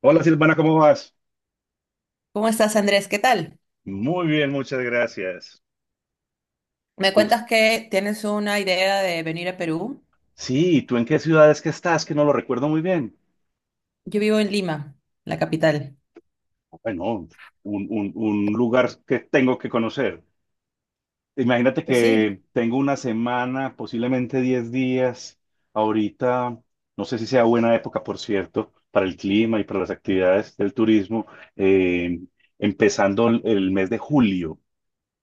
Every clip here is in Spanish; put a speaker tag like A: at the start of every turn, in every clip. A: Hola Silvana, ¿cómo vas?
B: ¿Cómo estás, Andrés? ¿Qué tal?
A: Muy bien, muchas gracias.
B: Me
A: Tú,
B: cuentas que tienes una idea de venir a Perú.
A: sí, ¿tú en qué ciudad es que estás? Que no lo recuerdo muy bien.
B: Yo vivo en Lima, la capital.
A: Bueno, un lugar que tengo que conocer. Imagínate
B: Pues sí.
A: que tengo una semana, posiblemente 10 días. Ahorita, no sé si sea buena época, por cierto, para el clima y para las actividades del turismo, eh, empezando el mes de julio.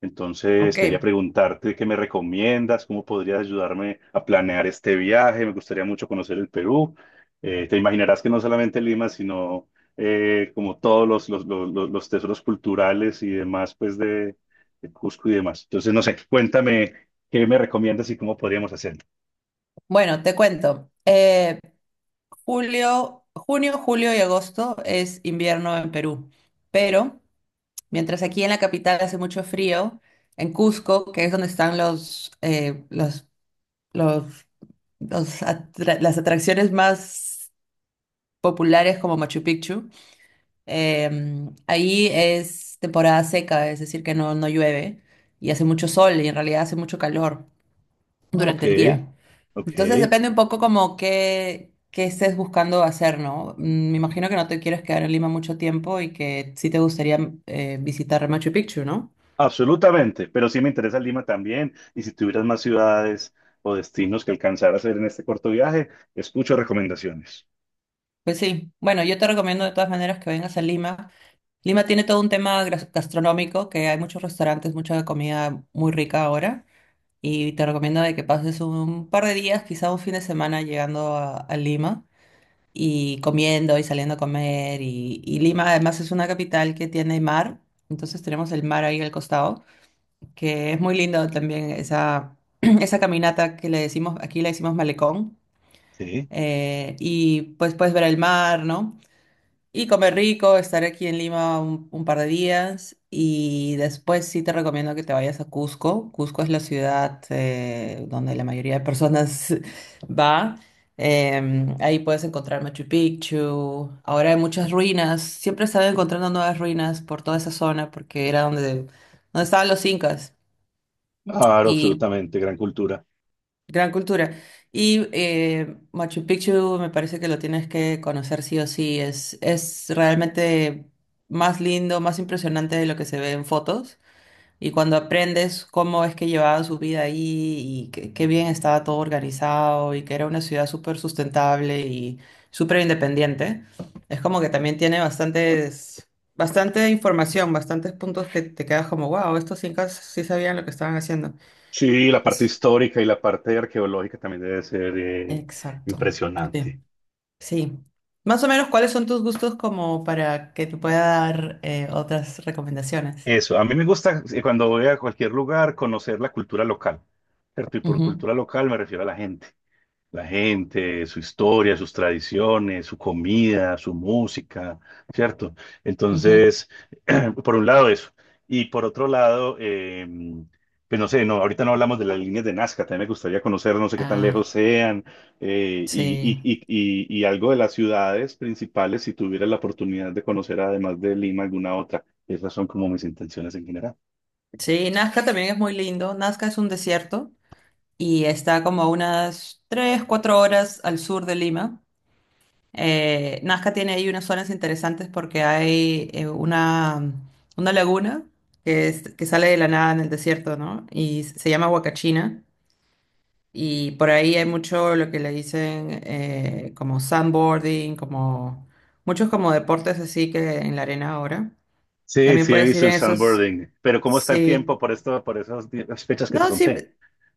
A: Entonces, quería
B: Ok.
A: preguntarte qué me recomiendas, cómo podrías ayudarme a planear este viaje. Me gustaría mucho conocer el Perú. Te imaginarás que no solamente Lima, sino como todos los tesoros culturales y demás, pues de Cusco y demás. Entonces, no sé, cuéntame qué me recomiendas y cómo podríamos hacerlo.
B: Bueno, te cuento. Junio, julio y agosto es invierno en Perú, pero mientras aquí en la capital hace mucho frío, en Cusco, que es donde están los, las atracciones más populares como Machu Picchu. Eh, Ahí es temporada seca, es decir, que no llueve y hace mucho sol y en realidad hace mucho calor
A: Ok,
B: durante el día.
A: ok,
B: Entonces depende un poco como qué estés buscando hacer, ¿no? Me imagino que no te quieres quedar en Lima mucho tiempo y que sí te gustaría visitar Machu Picchu, ¿no?
A: absolutamente. Pero sí me interesa Lima también. Y si tuvieras más ciudades o destinos que alcanzar a hacer en este corto viaje, escucho recomendaciones.
B: Pues sí, bueno, yo te recomiendo de todas maneras que vengas a Lima. Lima tiene todo un tema gastronómico, que hay muchos restaurantes, mucha comida muy rica ahora. Y te recomiendo de que pases un par de días, quizá un fin de semana llegando a Lima y comiendo y saliendo a comer. Y Lima además es una capital que tiene mar, entonces tenemos el mar ahí al costado, que es muy lindo también esa, esa caminata que le decimos, aquí le decimos malecón.
A: Sí,
B: Y pues puedes ver el mar, ¿no? Y comer rico, estar aquí en Lima un par de días y después sí te recomiendo que te vayas a Cusco. Cusco es la ciudad donde la mayoría de personas va. Ahí puedes encontrar Machu Picchu. Ahora hay muchas ruinas. Siempre están encontrando nuevas ruinas por toda esa zona porque era donde, estaban los incas.
A: claro,
B: Y
A: absolutamente, gran cultura.
B: gran cultura. Y Machu Picchu me parece que lo tienes que conocer sí o sí. Es realmente más lindo, más impresionante de lo que se ve en fotos. Y cuando aprendes cómo es que llevaba su vida ahí y qué bien estaba todo organizado y que era una ciudad súper sustentable y súper independiente, es como que también tiene bastante información, bastantes puntos que te quedas como, wow, estos incas sí sabían lo que estaban haciendo.
A: Sí, la parte
B: Así-
A: histórica y la parte arqueológica también debe ser
B: Exacto. Sí.
A: impresionante.
B: Sí. Más o menos, ¿cuáles son tus gustos como para que te pueda dar otras recomendaciones?
A: Eso, a mí me gusta, cuando voy a cualquier lugar, conocer la cultura local, ¿cierto? Y por
B: Ujú,
A: cultura local me refiero a la gente. La gente, su historia, sus tradiciones, su comida, su música, ¿cierto?
B: ujú.
A: Entonces, por un lado eso. Y por otro lado, pues no sé, no, ahorita no hablamos de las líneas de Nazca, también me gustaría conocer, no sé qué tan
B: Ah,
A: lejos sean, eh, y, y,
B: sí.
A: y, y algo de las ciudades principales, si tuviera la oportunidad de conocer, además de Lima, alguna otra. Esas son como mis intenciones en general.
B: Sí, Nazca también es muy lindo. Nazca es un desierto y está como a unas 3, 4 horas al sur de Lima. Nazca tiene ahí unas zonas interesantes porque hay una laguna que sale de la nada en el desierto, ¿no? Y se llama Huacachina. Y por ahí hay mucho lo que le dicen como sandboarding, como muchos como deportes así que en la arena ahora.
A: Sí,
B: También
A: sí, he
B: puedes ir
A: visto el
B: en esos,
A: sandboarding, pero ¿cómo está el
B: sí.
A: tiempo por esto, por esas fechas que te
B: No, sí,
A: conté?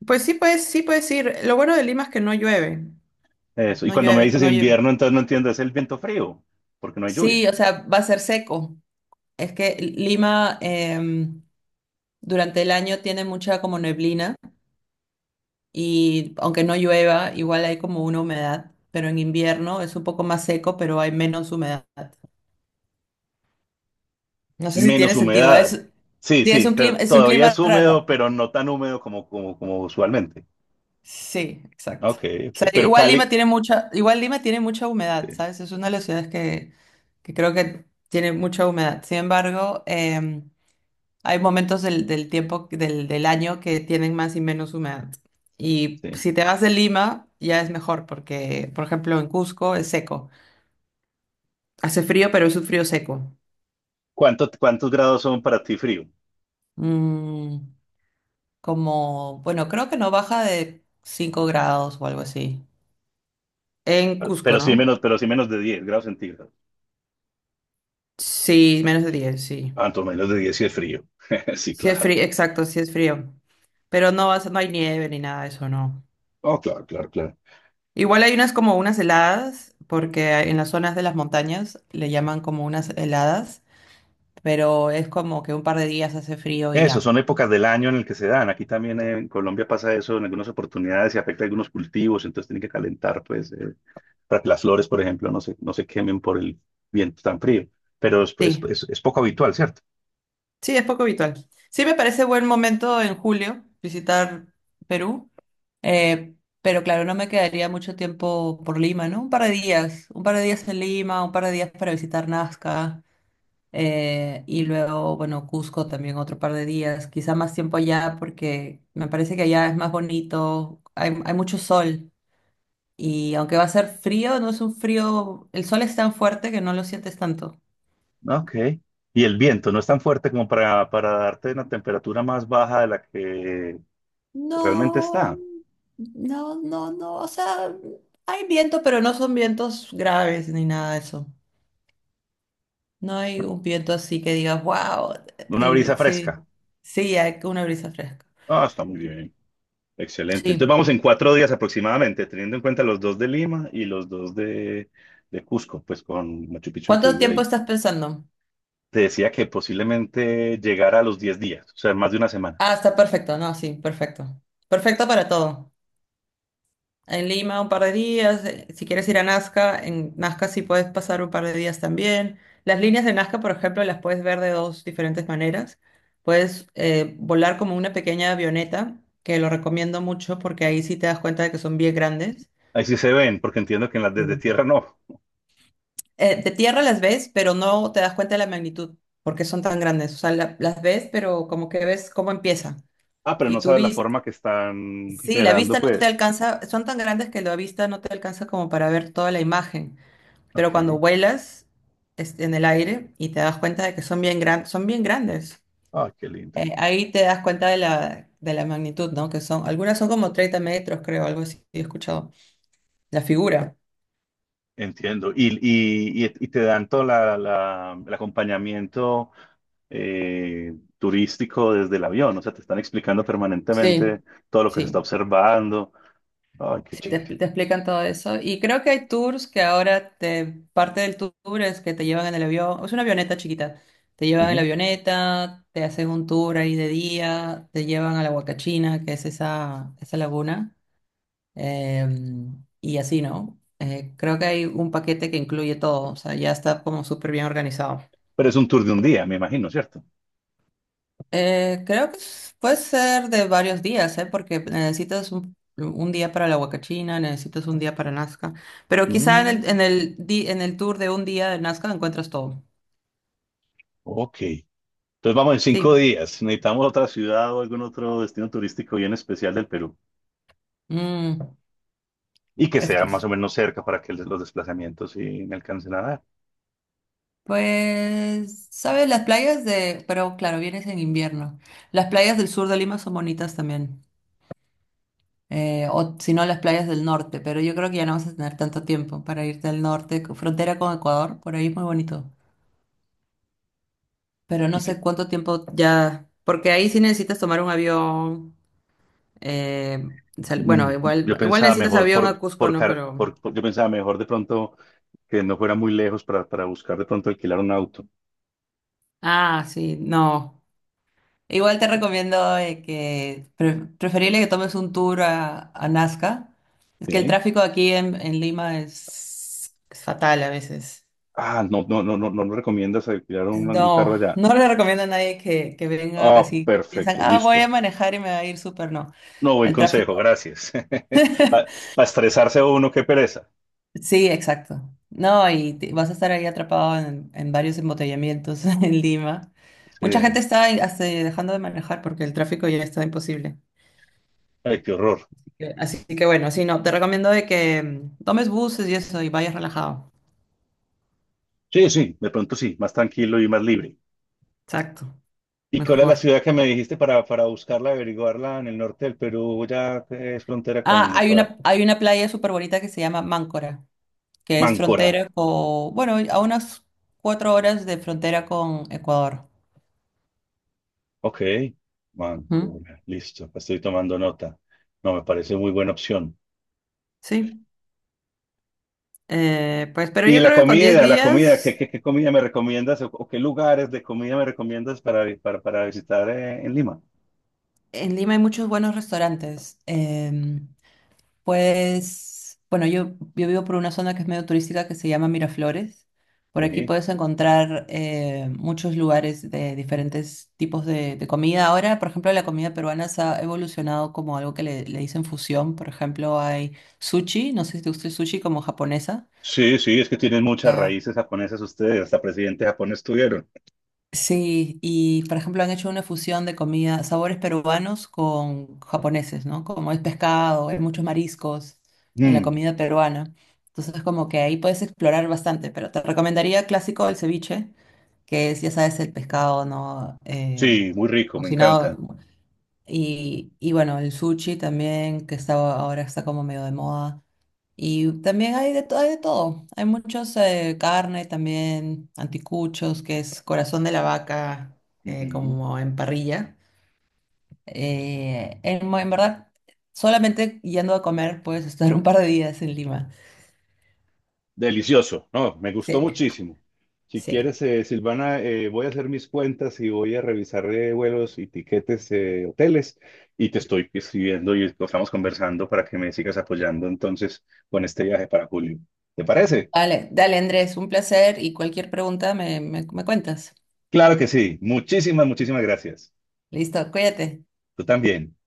B: pues sí puedes ir. Lo bueno de Lima es que no llueve,
A: Eso. Y
B: no
A: cuando me
B: llueve,
A: dices
B: no llueve.
A: invierno, entonces no entiendo, ¿es el viento frío, porque no hay
B: Sí, o
A: lluvias?
B: sea, va a ser seco. Es que Lima durante el año tiene mucha como neblina. Y aunque no llueva, igual hay como una humedad, pero en invierno es un poco más seco, pero hay menos humedad. No sé si
A: Menos
B: tiene sentido.
A: humedad. Sí,
B: Sí,
A: sí, pero
B: es un
A: todavía es
B: clima raro.
A: húmedo, pero no tan húmedo como usualmente.
B: Sí, exacto.
A: Ok, ok.
B: O sea,
A: Pero Cali,
B: igual Lima tiene mucha humedad,
A: sí,
B: ¿sabes? Es una de las ciudades que, creo que tiene mucha humedad. Sin embargo, em, hay momentos del, tiempo, del, año que tienen más y menos humedad. Y
A: sí.
B: si te vas de Lima, ya es mejor, porque, por ejemplo, en Cusco es seco. Hace frío, pero es un frío seco.
A: Cuántos grados son para ti frío?
B: Mm, Como, bueno, creo que no baja de 5 grados o algo así. En Cusco, ¿no?
A: Pero sí menos de 10 grados centígrados.
B: Sí, menos de 10, sí.
A: Tanto menos de diez sí es frío. Sí,
B: Sí es
A: claro.
B: frío, exacto, sí es frío. Pero no, no hay nieve ni nada de eso, no.
A: Oh, claro, claro, claro.
B: Igual hay unas como unas heladas, porque en las zonas de las montañas le llaman como unas heladas, pero es como que un par de días hace frío y
A: Eso,
B: ya.
A: son épocas del año en el que se dan. Aquí también, en Colombia pasa eso en algunas oportunidades, se afecta a algunos cultivos, entonces tienen que calentar, pues, para que las flores, por ejemplo, no se quemen por el viento tan frío. Pero
B: Sí,
A: es poco habitual, ¿cierto?
B: sí, es poco habitual. Sí me parece buen momento en julio visitar Perú. Eh, pero claro, no me quedaría mucho tiempo por Lima, ¿no? Un par de días, un par de días en Lima, un par de días para visitar Nazca, y luego, bueno, Cusco también otro par de días, quizá más tiempo allá porque me parece que allá es más bonito, hay mucho sol y aunque va a ser frío, no es un frío, el sol es tan fuerte que no lo sientes tanto.
A: Ok. Y el viento no es tan fuerte como para darte una temperatura más baja de la que realmente
B: No,
A: está.
B: no, no, no, o sea, hay viento, pero no son vientos graves ni nada de eso. No hay un viento así que digas, wow,
A: Una brisa
B: sí,
A: fresca.
B: sí, hay una brisa fresca.
A: Ah, está muy bien. Excelente. Entonces
B: Sí.
A: vamos en cuatro días aproximadamente, teniendo en cuenta los dos de Lima y los dos de Cusco, pues con Machu Picchu
B: ¿Cuánto
A: incluido
B: tiempo
A: ahí.
B: estás pensando?
A: Te decía que posiblemente llegara a los 10 días, o sea, más de una semana.
B: Ah, está perfecto, no, sí, perfecto. Perfecto para todo. En Lima un par de días, si quieres ir a Nazca, en Nazca sí puedes pasar un par de días también. Las líneas de Nazca, por ejemplo, las puedes ver de dos diferentes maneras. Puedes volar como una pequeña avioneta, que lo recomiendo mucho porque ahí sí te das cuenta de que son bien grandes.
A: Ahí sí se ven, porque entiendo que en las desde
B: Sí.
A: tierra no.
B: De tierra las ves, pero no te das cuenta de la magnitud, porque son tan grandes. O sea, las ves, pero como que ves cómo empieza.
A: Ah, pero
B: Y
A: no
B: tú
A: sabes la
B: vis,
A: forma que están
B: sí, la
A: generando,
B: vista no te
A: pues.
B: alcanza, son tan grandes que la vista no te alcanza como para ver toda la imagen. Pero
A: Ok.
B: cuando vuelas en el aire y te das cuenta de que son bien grandes, son bien grandes.
A: Ah, qué lindo.
B: Ahí te das cuenta de la, magnitud, ¿no? Que son, algunas son como 30 metros, creo, algo así, he escuchado. La figura.
A: Entiendo. Y, y te dan todo el acompañamiento eh, turístico desde el avión. O sea, te están explicando permanentemente
B: Sí,
A: todo lo que se está
B: sí.
A: observando. Ay, qué
B: Sí, te,
A: chévere.
B: expl- te explican todo eso. Y creo que hay tours que ahora parte del tour es que te llevan en el avión, es una avioneta chiquita. Te llevan en la
A: Ujú.
B: avioneta, te hacen un tour ahí de día, te llevan a la Huacachina, que es esa, esa laguna, eh, y así, ¿no? Creo que hay un paquete que incluye todo, o sea, ya está como súper bien organizado.
A: Pero es un tour de un día, me imagino, ¿cierto?
B: Creo que puede ser de varios días, ¿eh? Porque necesitas un día para la Huacachina, necesitas un día para Nazca, pero quizá en el,
A: Mm,
B: en el tour de un día de Nazca encuentras todo.
A: ok. Entonces vamos en cinco
B: Sí.
A: días. Necesitamos otra ciudad o algún otro destino turístico bien especial del Perú,
B: Mm,
A: y que sea más
B: Express.
A: o menos cerca para que los desplazamientos sí me alcancen a dar.
B: Pues, ¿sabes? Las playas de, pero claro, vienes en invierno. Las playas del sur de Lima son bonitas también, o si no, las playas del norte, pero yo creo que ya no vas a tener tanto tiempo para irte al norte, frontera con Ecuador, por ahí es muy bonito. Pero no
A: Y que
B: sé cuánto tiempo ya, porque ahí sí necesitas tomar un avión. eh,
A: mm,
B: bueno,
A: yo
B: igual, igual
A: pensaba
B: necesitas
A: mejor
B: avión a Cusco,
A: por,
B: ¿no?
A: car-
B: Pero,
A: por- yo pensaba mejor de pronto que no fuera muy lejos para buscar de pronto alquilar un auto.
B: ah, sí, no. Igual te recomiendo que preferible que tomes un tour a Nazca. Es que el
A: ¿Sí?
B: tráfico aquí en Lima es fatal a veces.
A: Ah, no, no, no, no, no nos recomiendas alquilar un carro
B: No,
A: allá.
B: no le recomiendo a nadie que, venga
A: Ah,
B: casi, que piensan,
A: perfecto,
B: ah, voy a
A: listo.
B: manejar y me va a ir súper, no.
A: No, buen
B: El
A: consejo,
B: tráfico.
A: gracias. Para estresarse uno, qué pereza.
B: Sí, exacto. No, vas a estar ahí atrapado en, varios embotellamientos en Lima. Mucha gente
A: Sí,
B: está ahí hasta dejando de manejar porque el tráfico ya está imposible.
A: ay, qué horror.
B: Así que, así que bueno, sí, no, te recomiendo de que tomes buses y eso y vayas relajado.
A: Sí, sí, de pronto sí, más tranquilo y más libre.
B: Exacto,
A: ¿Y cuál es la
B: mejor.
A: ciudad que me dijiste para buscarla, averiguarla en el norte del Perú? Ya que es frontera
B: Ah,
A: con Ecuador.
B: hay una playa súper bonita que se llama Máncora, que es
A: Máncora.
B: frontera con, bueno, a unas 4 horas de frontera con Ecuador.
A: Ok.
B: Ujú.
A: Máncora. Listo. Pues estoy tomando nota. No, me parece muy buena opción.
B: Sí, pues, pero
A: Y
B: yo creo que con 10
A: la comida,
B: días.
A: ¿qué, qué, qué comida me recomiendas o qué lugares de comida me recomiendas para, para visitar, en Lima?
B: En Lima hay muchos buenos restaurantes. Pues, bueno, yo vivo por una zona que es medio turística que se llama Miraflores. Por aquí
A: Sí.
B: puedes encontrar muchos lugares de diferentes tipos de comida. Ahora, por ejemplo, la comida peruana se ha evolucionado como algo que le dicen fusión. Por ejemplo, hay sushi, no sé si te gusta el sushi como japonesa.
A: Sí, sí, es que tienen muchas
B: Ya.
A: raíces japonesas ustedes, hasta presidente japonés tuvieron.
B: Sí, y por ejemplo han hecho una fusión de comida, sabores peruanos con japoneses, ¿no? Como es pescado, hay muchos mariscos en la
A: Mm,
B: comida peruana. Entonces como que ahí puedes explorar bastante, pero te recomendaría clásico el ceviche, que es, ya sabes, el pescado, ¿no?
A: sí, muy rico, me
B: Cocinado.
A: encanta.
B: Y bueno, el sushi también, que está, ahora está como medio de moda. Y también hay hay de todo. Hay muchos carne también, anticuchos, que es corazón de la vaca,
A: Ujú.
B: como en parrilla. En verdad, solamente yendo a comer puedes estar un par de días en Lima.
A: Delicioso, no, me
B: Sí,
A: gustó muchísimo. Si
B: sí.
A: quieres, Silvana, voy a hacer mis cuentas y voy a revisar, vuelos y tiquetes, hoteles, y te estoy escribiendo y estamos conversando para que me sigas apoyando entonces con este viaje para julio. ¿Te parece?
B: Vale, dale Andrés, un placer y cualquier pregunta me cuentas.
A: Claro que sí. Muchísimas, muchísimas gracias.
B: Listo, cuídate.
A: Tú también.